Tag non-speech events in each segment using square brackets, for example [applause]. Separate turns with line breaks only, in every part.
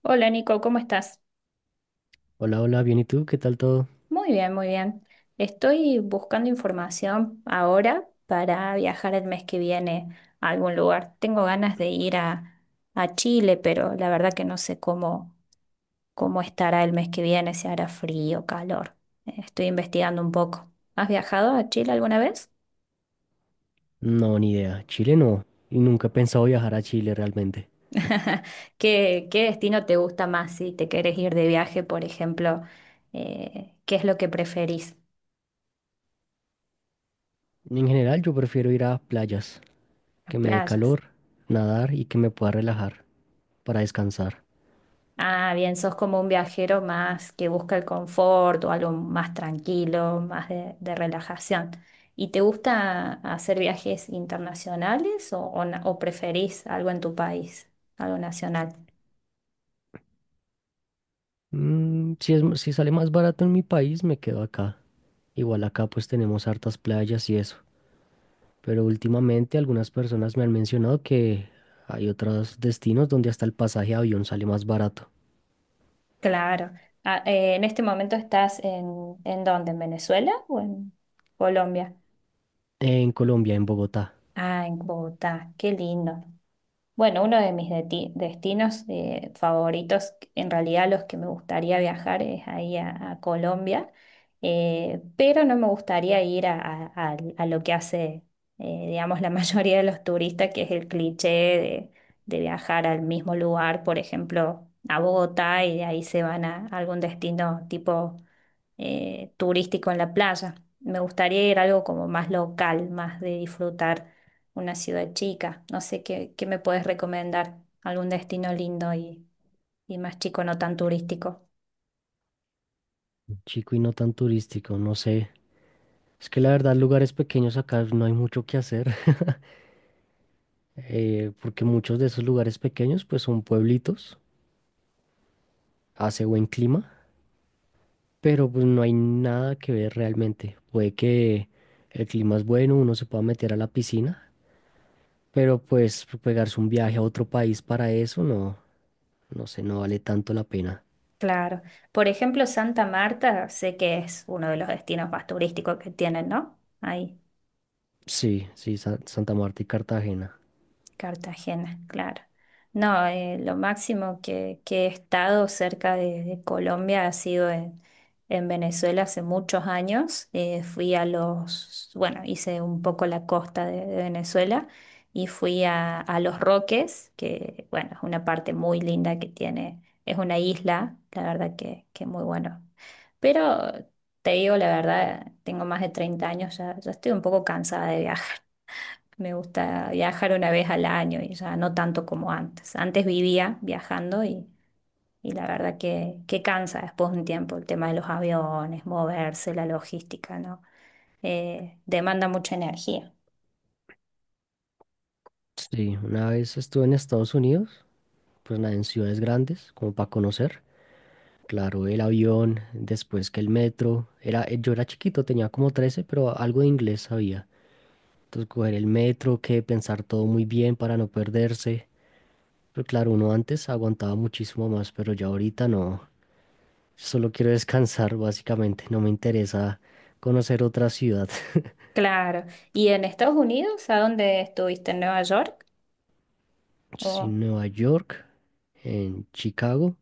Hola Nico, ¿cómo estás?
Hola, hola, bien, ¿y tú? ¿Qué tal todo?
Muy bien, muy bien. Estoy buscando información ahora para viajar el mes que viene a algún lugar. Tengo ganas de ir a Chile, pero la verdad que no sé cómo estará el mes que viene, si hará frío, calor. Estoy investigando un poco. ¿Has viajado a Chile alguna vez?
No, ni idea. Chile no. Y nunca he pensado viajar a Chile realmente.
[laughs] ¿Qué destino te gusta más si te querés ir de viaje, por ejemplo? ¿Qué es lo que preferís?
En general, yo prefiero ir a playas,
¿Las
que me dé
playas?
calor, nadar y que me pueda relajar para descansar.
Ah, bien, sos como un viajero más que busca el confort o algo más tranquilo, más de relajación. ¿Y te gusta hacer viajes internacionales o preferís algo en tu país, algo nacional?
Mm, si sale más barato en mi país, me quedo acá. Igual acá pues tenemos hartas playas y eso. Pero últimamente algunas personas me han mencionado que hay otros destinos donde hasta el pasaje de avión sale más barato.
Claro. Ah, ¿en este momento estás en dónde? ¿En Venezuela o en Colombia?
En Colombia, en Bogotá.
Ah, en Bogotá, qué lindo. Bueno, uno de mis destinos favoritos, en realidad los que me gustaría viajar es ahí a Colombia, pero no me gustaría ir a lo que hace, digamos, la [laughs] mayoría de los turistas, que es el cliché de viajar al mismo lugar, por ejemplo, a Bogotá y de ahí se van a algún destino tipo turístico en la playa. Me gustaría ir a algo como más local, más de disfrutar una ciudad chica. No sé qué me puedes recomendar, algún destino lindo y más chico, no tan turístico.
Chico y no tan turístico, no sé. Es que la verdad, lugares pequeños acá no hay mucho que hacer. [laughs] Porque muchos de esos lugares pequeños pues son pueblitos, hace buen clima, pero pues no hay nada que ver realmente. Puede que el clima es bueno, uno se pueda meter a la piscina, pero pues pegarse un viaje a otro país para eso no, no sé, no vale tanto la pena.
Claro. Por ejemplo, Santa Marta, sé que es uno de los destinos más turísticos que tienen, ¿no? Ahí.
Sí, sí, Santa Marta y Cartagena.
Cartagena, claro. No, lo máximo que he estado cerca de Colombia ha sido en Venezuela hace muchos años. Fui a hice un poco la costa de Venezuela y fui a Los Roques, que bueno, es una parte muy linda que tiene, es una isla, la verdad que muy bueno. Pero te digo la verdad, tengo más de 30 años, ya estoy un poco cansada de viajar. Me gusta viajar una vez al año y ya no tanto como antes. Antes vivía viajando y la verdad que cansa después de un tiempo el tema de los aviones, moverse, la logística, ¿no? Demanda mucha energía.
Sí, una vez estuve en Estados Unidos, pues nada, en ciudades grandes, como para conocer. Claro, el avión, después que el metro. Yo era chiquito, tenía como 13, pero algo de inglés sabía. Entonces, coger el metro, que pensar todo muy bien para no perderse. Pero claro, uno antes aguantaba muchísimo más, pero ya ahorita no. Solo quiero descansar, [laughs] básicamente. No me interesa conocer otra ciudad. [laughs]
Claro. ¿Y en Estados Unidos? ¿A dónde estuviste? ¿En Nueva York?
Sí,
Oh,
Nueva York, en Chicago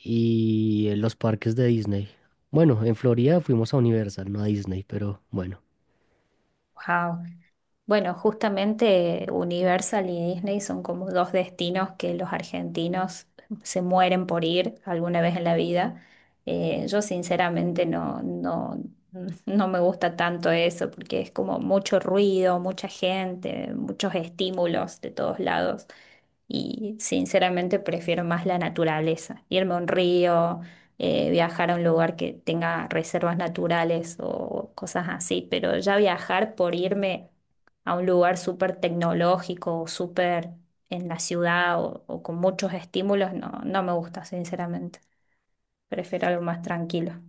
y en los parques de Disney. Bueno, en Florida fuimos a Universal, no a Disney, pero bueno.
wow. Bueno, justamente Universal y Disney son como dos destinos que los argentinos se mueren por ir alguna vez en la vida. Yo sinceramente [laughs] no me gusta tanto eso porque es como mucho ruido, mucha gente, muchos estímulos de todos lados y sinceramente prefiero más la naturaleza, irme a un río, viajar a un lugar que tenga reservas naturales o cosas así, pero ya viajar por irme a un lugar súper tecnológico o súper en la ciudad o con muchos estímulos, no, no me gusta, sinceramente. Prefiero algo más tranquilo.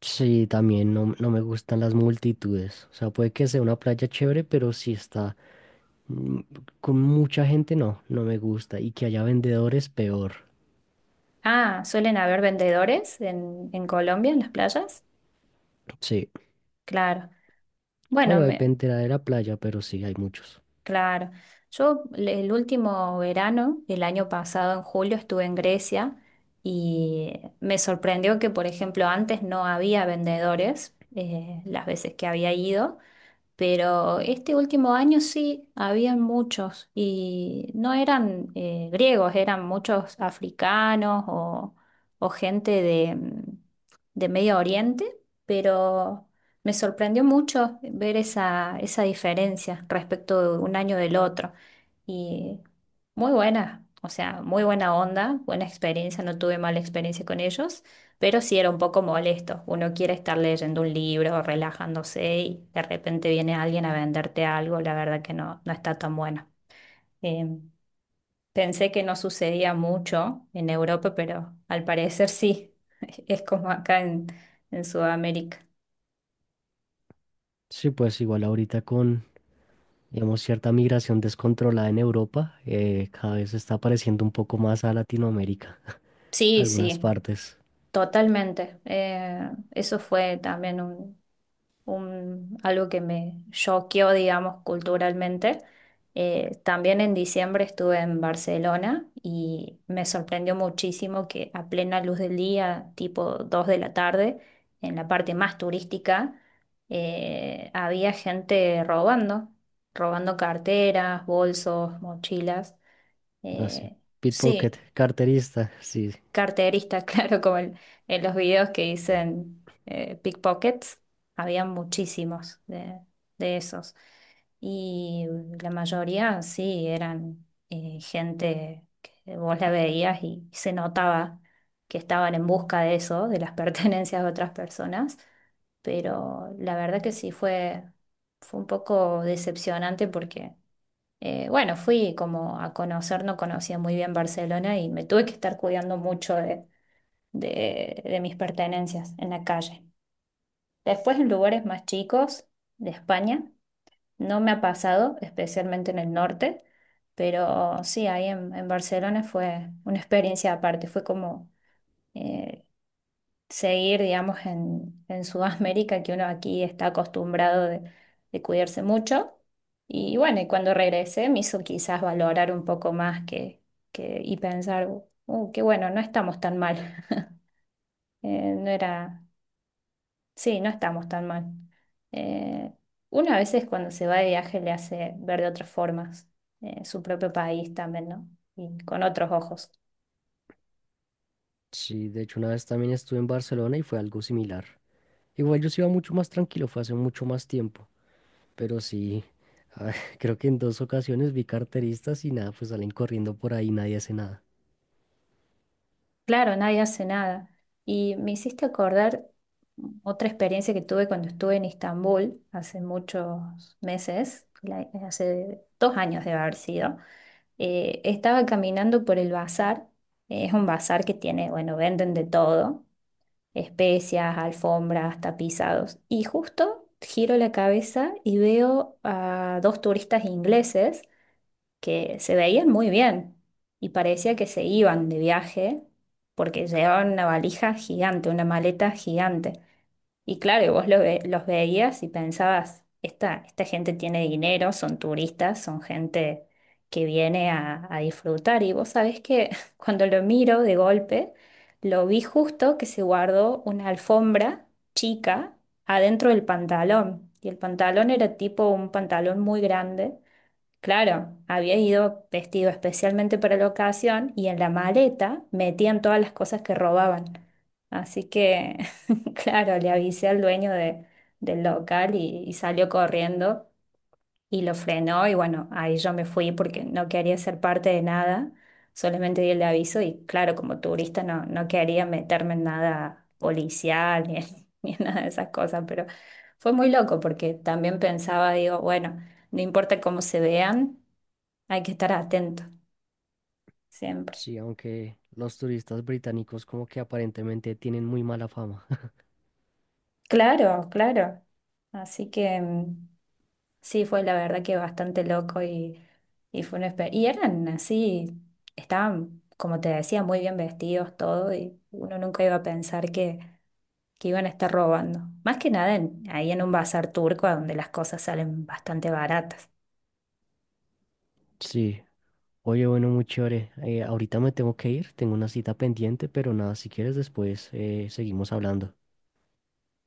Sí, también no, no me gustan las multitudes. O sea, puede que sea una playa chévere, pero si está mm, con mucha gente, no, no me gusta. Y que haya vendedores, peor.
Ah, ¿suelen haber vendedores en Colombia, en las playas?
Sí.
Claro. Bueno,
Bueno,
me-
dependerá de la playa, pero sí, hay muchos.
claro. Yo el último verano, el año pasado, en julio, estuve en Grecia y me sorprendió que, por ejemplo, antes no había vendedores, las veces que había ido. Pero este último año sí, habían muchos y no eran griegos, eran muchos africanos o gente de Medio Oriente, pero me sorprendió mucho ver esa diferencia respecto de un año del otro. Y muy buena, o sea, muy buena onda, buena experiencia, no tuve mala experiencia con ellos. Pero sí era un poco molesto. Uno quiere estar leyendo un libro, relajándose y de repente viene alguien a venderte algo. La verdad que no, no está tan bueno. Eh, Pensé que no sucedía mucho en Europa, pero al parecer sí. [laughs] Es como acá en, Sudamérica.
Sí, pues igual ahorita con, digamos, cierta migración descontrolada en Europa, cada vez se está apareciendo un poco más a Latinoamérica,
Sí,
algunas
sí,
partes.
totalmente. Eso fue también algo que me choqueó, digamos, culturalmente. También en diciembre estuve en Barcelona y me sorprendió muchísimo que a plena luz del día, tipo 2 de la tarde, en la parte más turística, había gente robando, robando carteras, bolsos, mochilas.
Así.
Eh,
Pickpocket,
sí,
carterista, sí.
carterista, [laughs] claro, como en los videos que dicen pickpockets, había muchísimos de esos. Y la mayoría sí eran gente que vos la veías y se notaba que estaban en busca de eso, de las [laughs] pertenencias de otras personas, pero la verdad que sí fue, un poco decepcionante porque bueno, fui como a conocer, no conocía muy bien Barcelona y me tuve que estar cuidando mucho de mis pertenencias en la calle. Después en lugares más chicos de España, no me ha pasado, especialmente en el norte, pero sí, ahí en, Barcelona fue una experiencia aparte, fue como eh, seguir, digamos, en Sudamérica, que uno aquí está acostumbrado de cuidarse mucho. Y bueno, y cuando regresé me hizo quizás valorar un poco más que, y pensar, qué bueno, no estamos tan mal. [laughs] No era, sí, no estamos tan mal. Eh, Uno a veces cuando se va de viaje le hace ver de otras formas su propio país también, ¿no? Y con otros ojos.
Sí, de hecho una vez también estuve en Barcelona y fue algo similar. Igual yo sí iba mucho más tranquilo, fue hace mucho más tiempo, pero sí, a ver, [laughs] creo que en dos ocasiones vi carteristas y nada, pues salen corriendo por ahí, nadie hace nada.
Claro, nadie hace nada. Y me hiciste acordar otra experiencia que tuve cuando estuve en Estambul hace muchos meses, hace 2 años debe haber sido. Estaba caminando por el bazar. Es un bazar que tiene, bueno, venden de todo, especias, alfombras, tapizados. Y justo giro la cabeza y veo a dos turistas ingleses que se veían muy bien y parecía que se iban de viaje porque llevaban una valija gigante, una maleta gigante. Y claro, vos los veías y pensabas, esta gente tiene dinero, son turistas, son gente que viene a disfrutar. Y vos sabés que [laughs] cuando lo miro de golpe, lo vi justo que se guardó una alfombra chica adentro del pantalón. Y el pantalón era tipo un pantalón muy grande. Claro, había ido vestido especialmente para la ocasión y en la maleta metían todas las cosas que robaban. Así que, [laughs] claro, le avisé al dueño del local y salió corriendo y lo frenó y bueno, ahí yo me fui porque no quería ser parte de nada, solamente di el aviso y claro, como turista no, no quería meterme en nada policial ni en, [laughs] ni en nada de esas cosas, pero fue muy loco porque también pensaba, digo, bueno, no importa cómo se vean. Hay que estar atento siempre.
Sí, aunque los turistas británicos como que aparentemente tienen muy mala fama. [laughs]
Claro, claro. Así que sí, fue la verdad que bastante loco y fue una experiencia. Y eran así, estaban, como te decía, muy bien vestidos todo y uno nunca iba a pensar que, iban a estar robando. Más que nada ahí en un bazar turco donde las cosas salen bastante baratas.
Sí, oye, bueno, muy chévere. Ahorita me tengo que ir, tengo una cita pendiente, pero nada, si quieres después seguimos hablando.